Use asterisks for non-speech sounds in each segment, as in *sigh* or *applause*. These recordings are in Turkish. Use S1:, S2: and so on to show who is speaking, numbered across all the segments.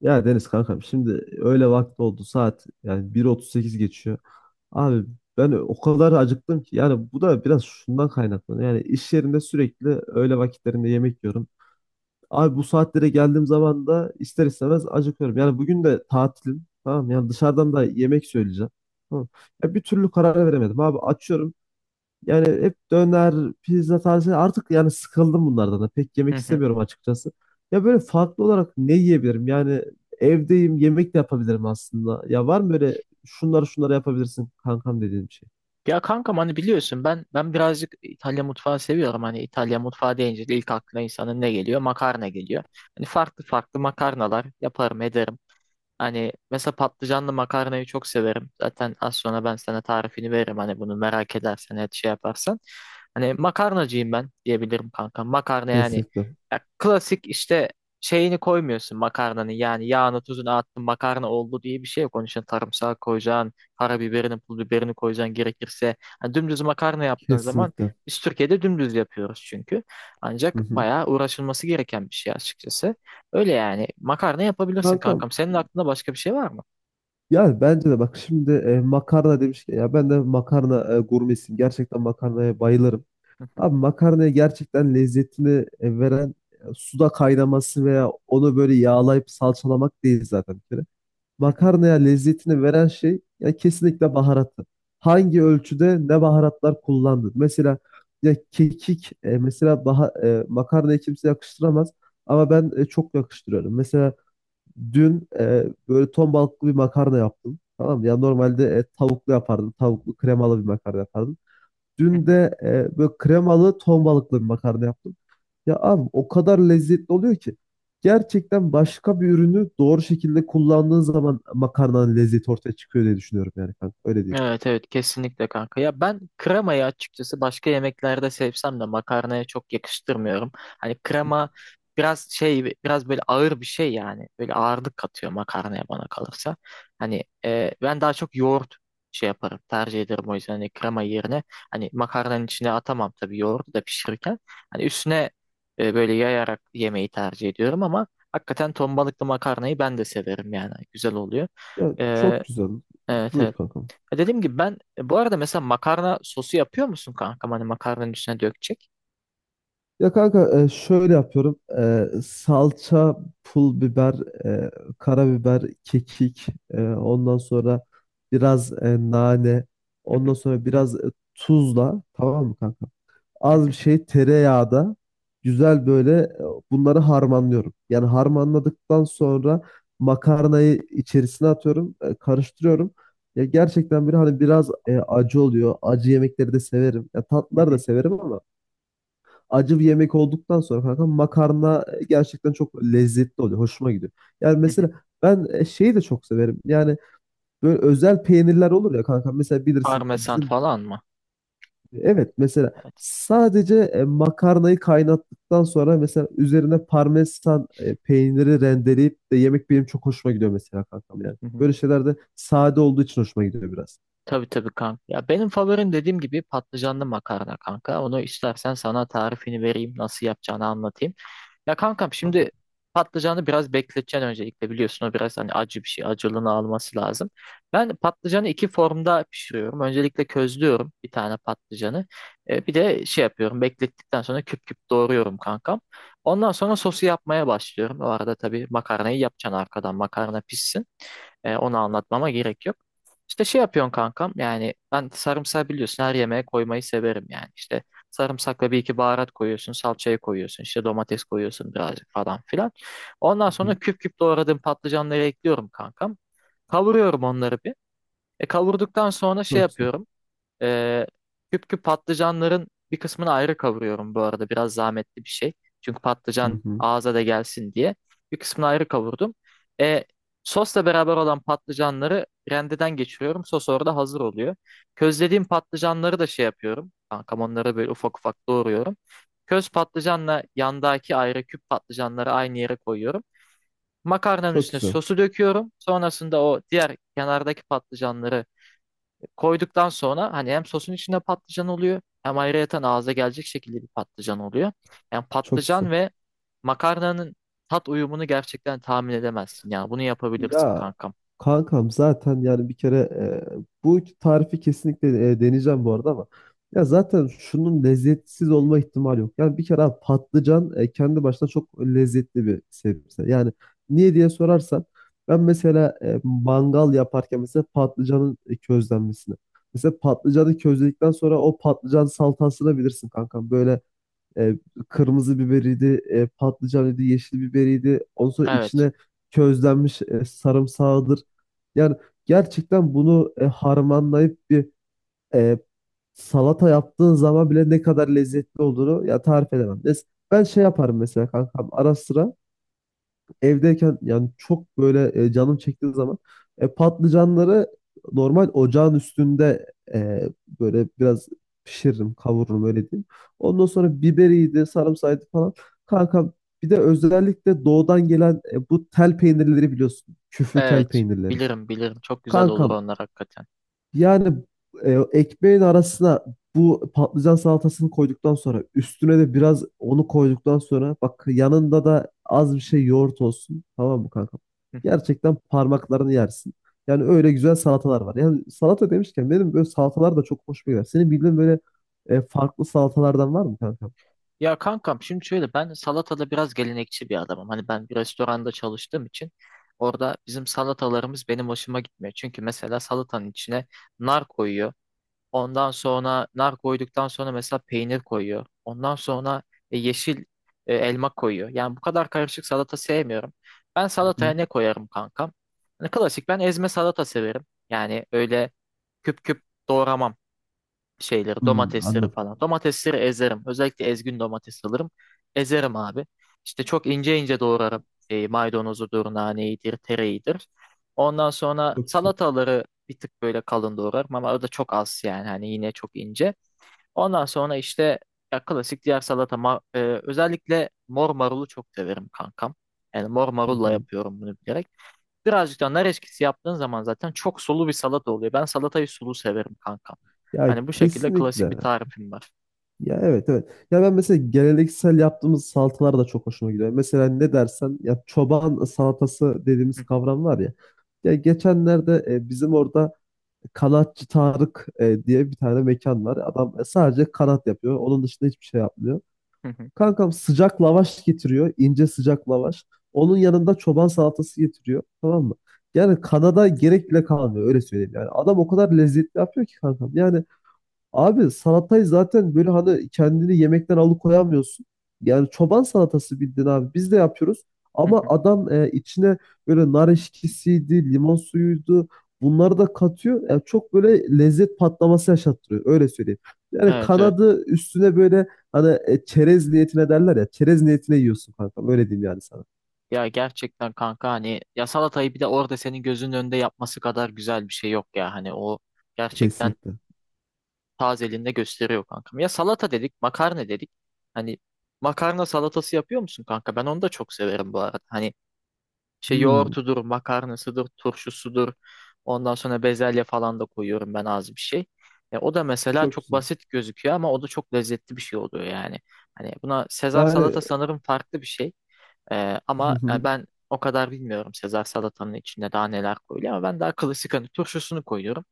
S1: Ya Deniz kankam şimdi öyle vakti oldu saat yani 1.38 geçiyor. Abi ben o kadar acıktım ki yani bu da biraz şundan kaynaklanıyor. Yani iş yerinde sürekli öğle vakitlerinde yemek yiyorum. Abi bu saatlere geldiğim zaman da ister istemez acıkıyorum. Yani bugün de tatilim, tamam mı? Yani dışarıdan da yemek söyleyeceğim. Tamam. Ya bir türlü karar veremedim abi, açıyorum yani hep döner, pizza tarzı artık yani sıkıldım bunlardan da. Pek
S2: Hı
S1: yemek
S2: hı.
S1: istemiyorum açıkçası. Ya böyle farklı olarak ne yiyebilirim? Yani evdeyim, yemek de yapabilirim aslında. Ya var mı böyle şunları şunları yapabilirsin kankam dediğim bir şey?
S2: Ya kankam hani biliyorsun ben birazcık İtalya mutfağı seviyorum. Hani İtalya mutfağı deyince de ilk aklına insanın ne geliyor? Makarna geliyor. Hani farklı farklı makarnalar yaparım ederim. Hani mesela patlıcanlı makarnayı çok severim. Zaten az sonra ben sana tarifini veririm. Hani bunu merak edersen, et şey yaparsan. Hani makarnacıyım ben diyebilirim kanka. Makarna yani
S1: Kesinlikle.
S2: ya klasik işte şeyini koymuyorsun makarnanın. Yani yağını tuzunu attın makarna oldu diye bir şey yok. Onun için sarımsağı koyacaksın, karabiberini, pul biberini koyacaksın gerekirse. Hani dümdüz makarna yaptığın zaman
S1: Kesinlikle.
S2: biz Türkiye'de dümdüz yapıyoruz çünkü.
S1: Hı
S2: Ancak
S1: hı.
S2: bayağı uğraşılması gereken bir şey açıkçası. Öyle yani. Makarna yapabilirsin
S1: Kankam,
S2: kankam. Senin aklında başka bir şey var mı?
S1: yani bence de bak şimdi makarna demişken ya ben de makarna gurmesiyim. Gerçekten makarnaya bayılırım. Abi, makarnaya gerçekten lezzetini veren suda kaynaması veya onu böyle yağlayıp salçalamak değil zaten bir kere. Makarnaya lezzetini veren şey ya kesinlikle baharatı. Hangi ölçüde ne baharatlar kullandın? Mesela ya kekik makarnaya kimse yakıştıramaz ama ben çok yakıştırıyorum. Mesela dün böyle ton balıklı bir makarna yaptım. Tamam mı? Ya normalde tavuklu yapardım. Tavuklu kremalı bir makarna yapardım. Dün
S2: *laughs*
S1: de böyle kremalı ton balıklı bir makarna yaptım. Ya abi o kadar lezzetli oluyor ki. Gerçekten başka bir ürünü doğru şekilde kullandığın zaman makarnanın lezzeti ortaya çıkıyor diye düşünüyorum yani kanka. Öyle değil.
S2: Evet evet kesinlikle kanka. Ya ben kremayı açıkçası başka yemeklerde sevsem de makarnaya çok yakıştırmıyorum. Hani krema biraz şey biraz böyle ağır bir şey yani. Böyle ağırlık katıyor makarnaya bana kalırsa. Hani ben daha çok yoğurt şey yaparım tercih ederim o yüzden hani krema yerine hani makarnanın içine atamam tabii yoğurdu da pişirirken. Hani üstüne böyle yayarak yemeği tercih ediyorum ama hakikaten ton balıklı makarnayı ben de severim yani. Güzel oluyor.
S1: Ya
S2: E,
S1: çok güzel.
S2: evet evet.
S1: Buyur kankam.
S2: Dediğim gibi ben bu arada mesela makarna sosu yapıyor musun kankam? Hani makarnanın üstüne dökecek.
S1: Ya kanka şöyle yapıyorum. Salça, pul biber, e, karabiber, kekik, ondan sonra biraz nane,
S2: Hı
S1: ondan
S2: hı,
S1: sonra biraz tuzla, tamam mı kanka?
S2: hı
S1: Az bir
S2: hı,
S1: şey tereyağda güzel, böyle bunları harmanlıyorum. Yani harmanladıktan sonra makarnayı içerisine atıyorum, karıştırıyorum. Ya gerçekten böyle hani biraz acı oluyor. Acı yemekleri de severim. Ya
S2: hı
S1: tatlıları da
S2: hı,
S1: severim ama acı bir yemek olduktan sonra kanka makarna gerçekten çok lezzetli oluyor. Hoşuma gidiyor. Yani
S2: hı hı.
S1: mesela ben şeyi de çok severim. Yani böyle özel peynirler olur ya kanka. Mesela bilirsin
S2: Parmesan
S1: bizim.
S2: falan mı?
S1: Evet, mesela
S2: Evet.
S1: sadece makarnayı kaynattıktan sonra mesela üzerine parmesan peyniri rendeleyip de yemek benim çok hoşuma gidiyor mesela kankam yani.
S2: Hı hı.
S1: Böyle şeyler de sade olduğu için hoşuma gidiyor biraz.
S2: Tabii tabii kanka. Ya benim favorim dediğim gibi patlıcanlı makarna kanka. Onu istersen sana tarifini vereyim, nasıl yapacağını anlatayım. Ya kankam
S1: Anladım.
S2: şimdi patlıcanı biraz bekleteceksin öncelikle biliyorsun o biraz hani acı bir şey acılığını alması lazım. Ben patlıcanı iki formda pişiriyorum. Öncelikle közlüyorum bir tane patlıcanı. Bir de şey yapıyorum beklettikten sonra küp küp doğruyorum kankam. Ondan sonra sosu yapmaya başlıyorum. O arada tabii makarnayı yapacaksın arkadan makarna pişsin. Onu anlatmama gerek yok. İşte şey yapıyorsun kankam yani ben sarımsağı biliyorsun her yemeğe koymayı severim yani. İşte sarımsakla bir iki baharat koyuyorsun, salçayı koyuyorsun, işte domates koyuyorsun birazcık falan filan. Ondan
S1: Hı hı.
S2: sonra küp küp doğradığım patlıcanları ekliyorum kankam. Kavuruyorum onları bir. Kavurduktan sonra şey
S1: Çok güzel.
S2: yapıyorum. Ee, küp küp patlıcanların bir kısmını ayrı kavuruyorum bu arada. Biraz zahmetli bir şey. Çünkü
S1: Hı
S2: patlıcan
S1: hı.
S2: ağza da gelsin diye. Bir kısmını ayrı kavurdum. Ee, sosla beraber olan patlıcanları rendeden geçiriyorum. Sos orada hazır oluyor. Közlediğim patlıcanları da şey yapıyorum. Kankam onları böyle ufak ufak doğruyorum. Köz patlıcanla yandaki ayrı küp patlıcanları aynı yere koyuyorum. Makarnanın
S1: Çok
S2: üstüne
S1: güzel.
S2: sosu döküyorum. Sonrasında o diğer kenardaki patlıcanları koyduktan sonra hani hem sosun içinde patlıcan oluyor hem ayrıyeten ağza gelecek şekilde bir patlıcan oluyor. Yani
S1: Çok güzel.
S2: patlıcan ve makarnanın tat uyumunu gerçekten tahmin edemezsin ya. Bunu yapabilirsin
S1: Ya
S2: kankam.
S1: kankam zaten yani bir kere bu tarifi kesinlikle deneyeceğim bu arada ama ya zaten şunun lezzetsiz olma ihtimali yok. Yani bir kere abi patlıcan kendi başına çok lezzetli bir sebze. Yani niye diye sorarsan ben mesela mangal yaparken mesela patlıcanın közlenmesini. Mesela patlıcanı közledikten sonra o patlıcan salatasını bilirsin kankam. Böyle e, kırmızı biberiydi, patlıcanıydı, yeşil biberiydi. Ondan sonra
S2: Evet.
S1: içine közlenmiş sarımsağıdır. Yani gerçekten bunu harmanlayıp bir e, salata yaptığın zaman bile ne kadar lezzetli olduğunu ya tarif edemem. Ben şey yaparım mesela kankam ara sıra evdeyken yani çok böyle canım çektiği zaman patlıcanları normal ocağın üstünde e, böyle biraz pişiririm, kavururum öyle diyeyim. Ondan sonra biberiydi, sarımsağıydı falan. Kanka, bir de özellikle doğudan gelen bu tel peynirleri biliyorsun. Küflü tel
S2: Evet.
S1: peynirleri.
S2: Bilirim bilirim. Çok güzel olur
S1: Kankam,
S2: onlar hakikaten.
S1: yani ekmeğin arasına bu patlıcan salatasını koyduktan sonra üstüne de biraz onu koyduktan sonra bak, yanında da az bir şey yoğurt olsun, tamam mı kanka?
S2: Hı hı.
S1: Gerçekten parmaklarını yersin. Yani öyle güzel salatalar var. Yani salata demişken benim böyle salatalar da çok hoşuma gider. Senin bildiğin böyle farklı salatalardan var mı kanka?
S2: Ya kankam şimdi şöyle ben salatada biraz gelenekçi bir adamım. Hani ben bir restoranda çalıştığım için orada bizim salatalarımız benim hoşuma gitmiyor. Çünkü mesela salatanın içine nar koyuyor. Ondan sonra nar koyduktan sonra mesela peynir koyuyor. Ondan sonra yeşil elma koyuyor. Yani bu kadar karışık salata sevmiyorum. Ben
S1: Hı
S2: salataya
S1: hı.
S2: ne koyarım kankam? Hani klasik ben ezme salata severim. Yani öyle küp küp doğramam şeyleri,
S1: Hmm,
S2: domatesleri
S1: anladım.
S2: falan. Domatesleri ezerim. Özellikle ezgün domates alırım. Ezerim abi. İşte çok ince ince doğrarım. Maydanozudur, naneydir, tereyidir. Ondan sonra
S1: Çok güzel.
S2: salataları bir tık böyle kalın doğrarım ama o da çok az yani hani yine çok ince. Ondan sonra işte ya klasik diğer özellikle mor marulu çok severim kankam. Yani mor
S1: Hı
S2: marulla
S1: hı.
S2: yapıyorum bunu bilerek. Birazcık da nar eşkisi yaptığın zaman zaten çok sulu bir salata oluyor. Ben salatayı sulu severim kankam.
S1: Ya
S2: Hani bu şekilde klasik bir
S1: kesinlikle.
S2: tarifim var.
S1: Ya evet, evet. Ya ben mesela geleneksel yaptığımız salatalar da çok hoşuma gidiyor. Mesela ne dersen, ya çoban salatası
S2: Hı
S1: dediğimiz
S2: hı,
S1: kavram var ya. Ya geçenlerde bizim orada Kanatçı Tarık diye bir tane mekan var. Adam sadece kanat yapıyor. Onun dışında hiçbir şey yapmıyor.
S2: hı hı,
S1: Kankam, sıcak lavaş getiriyor. İnce sıcak lavaş. Onun yanında çoban salatası getiriyor. Tamam mı? Yani kanada gerek bile kalmıyor, öyle söyleyeyim. Yani adam o kadar lezzetli yapıyor ki kankam. Yani abi salatayı zaten böyle hani kendini yemekten alıkoyamıyorsun. Yani çoban salatası bildiğin abi. Biz de yapıyoruz.
S2: hı
S1: Ama
S2: hı.
S1: adam içine böyle nar eşkisiydi, limon suyuydu. Bunları da katıyor. Yani çok böyle lezzet patlaması yaşattırıyor. Öyle söyleyeyim. Yani
S2: Evet evet.
S1: kanadı üstüne böyle hani çerez niyetine derler ya. Çerez niyetine yiyorsun kanka. Öyle diyeyim yani sana.
S2: Ya gerçekten kanka hani ya salatayı bir de orada senin gözünün önünde yapması kadar güzel bir şey yok ya. Hani o gerçekten
S1: Kesinlikle.
S2: tazeliğinde gösteriyor kankam. Ya salata dedik, makarna dedik. Hani makarna salatası yapıyor musun kanka? Ben onu da çok severim bu arada. Hani İşte
S1: Hmm,
S2: yoğurtudur, makarnasıdır, turşusudur. Ondan sonra bezelye falan da koyuyorum ben az bir şey. O da mesela
S1: çok
S2: çok
S1: güzel.
S2: basit gözüküyor ama o da çok lezzetli bir şey oluyor yani. Hani buna Sezar
S1: Yani
S2: salata sanırım farklı bir şey. Ama ben o kadar bilmiyorum Sezar salatanın içinde daha neler koyuluyor ama ben daha klasik hani turşusunu koyuyorum.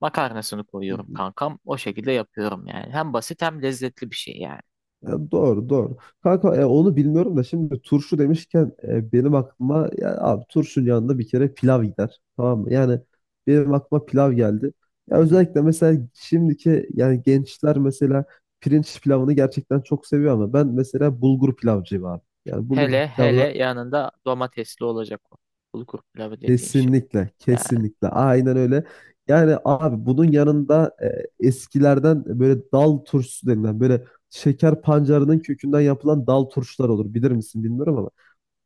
S2: Makarnasını koyuyorum
S1: *laughs*
S2: kankam. O şekilde yapıyorum yani. Hem basit hem lezzetli bir şey yani.
S1: Ya doğru, doğru. Kanka, onu bilmiyorum da şimdi turşu demişken benim aklıma ya abi, turşunun yanında bir kere pilav gider. Tamam mı? Yani benim aklıma pilav geldi. Ya
S2: Hı hı.
S1: özellikle mesela şimdiki yani gençler mesela pirinç pilavını gerçekten çok seviyor ama ben mesela bulgur pilavcıyım abi. Yani bulgur
S2: Hele hele
S1: pilavına.
S2: yanında domatesli olacak o. Bulgur pilavı dediğin şey.
S1: Kesinlikle,
S2: Yani.
S1: kesinlikle. Aynen öyle. Yani abi bunun yanında eskilerden böyle dal turşusu denilen böyle şeker pancarının kökünden yapılan dal turşular olur. Bilir misin bilmiyorum ama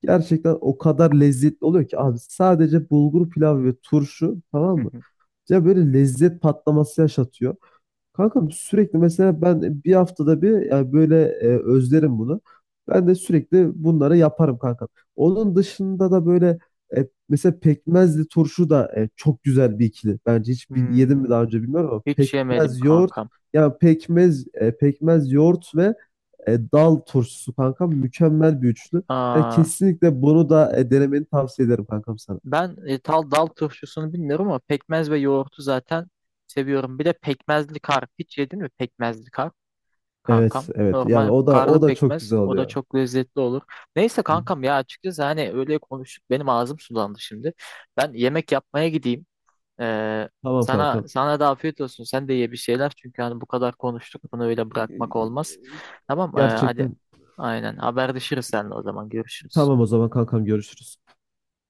S1: gerçekten o kadar lezzetli oluyor ki abi, sadece bulgur pilavı ve turşu, tamam
S2: Hı
S1: mı?
S2: hı.
S1: Ya böyle lezzet patlaması yaşatıyor. Kanka, sürekli mesela ben bir haftada bir yani böyle özlerim bunu. Ben de sürekli bunları yaparım kanka. Onun dışında da böyle mesela pekmezli turşu da çok güzel bir ikili. Bence hiç yedim mi
S2: Hmm,
S1: daha önce bilmiyorum ama
S2: hiç yemedim
S1: pekmez yoğurt,
S2: kankam.
S1: yani pekmez yoğurt ve dal turşusu kanka mükemmel bir üçlü. Yani
S2: Aa,
S1: kesinlikle bunu da denemeni tavsiye ederim kankam sana.
S2: ben e, tal dal turşusunu bilmiyorum ama pekmez ve yoğurtu zaten seviyorum. Bir de pekmezli kar. Hiç yedin mi pekmezli kar
S1: Evet,
S2: kankam?
S1: evet yani
S2: Normal
S1: o da
S2: karlı
S1: o da çok
S2: pekmez.
S1: güzel
S2: O da
S1: oluyor.
S2: çok lezzetli olur. Neyse
S1: Hı.
S2: kankam ya açıkçası hani öyle konuştuk. Benim ağzım sulandı şimdi. Ben yemek yapmaya gideyim. Ee,
S1: Tamam
S2: sana
S1: kankam.
S2: sana da afiyet olsun. Sen de ye bir şeyler. Çünkü hani bu kadar konuştuk. Bunu öyle bırakmak olmaz. Tamam, hadi.
S1: Gerçekten.
S2: Aynen. Haberleşiriz seninle o zaman. Görüşürüz.
S1: Tamam o zaman kankam, görüşürüz.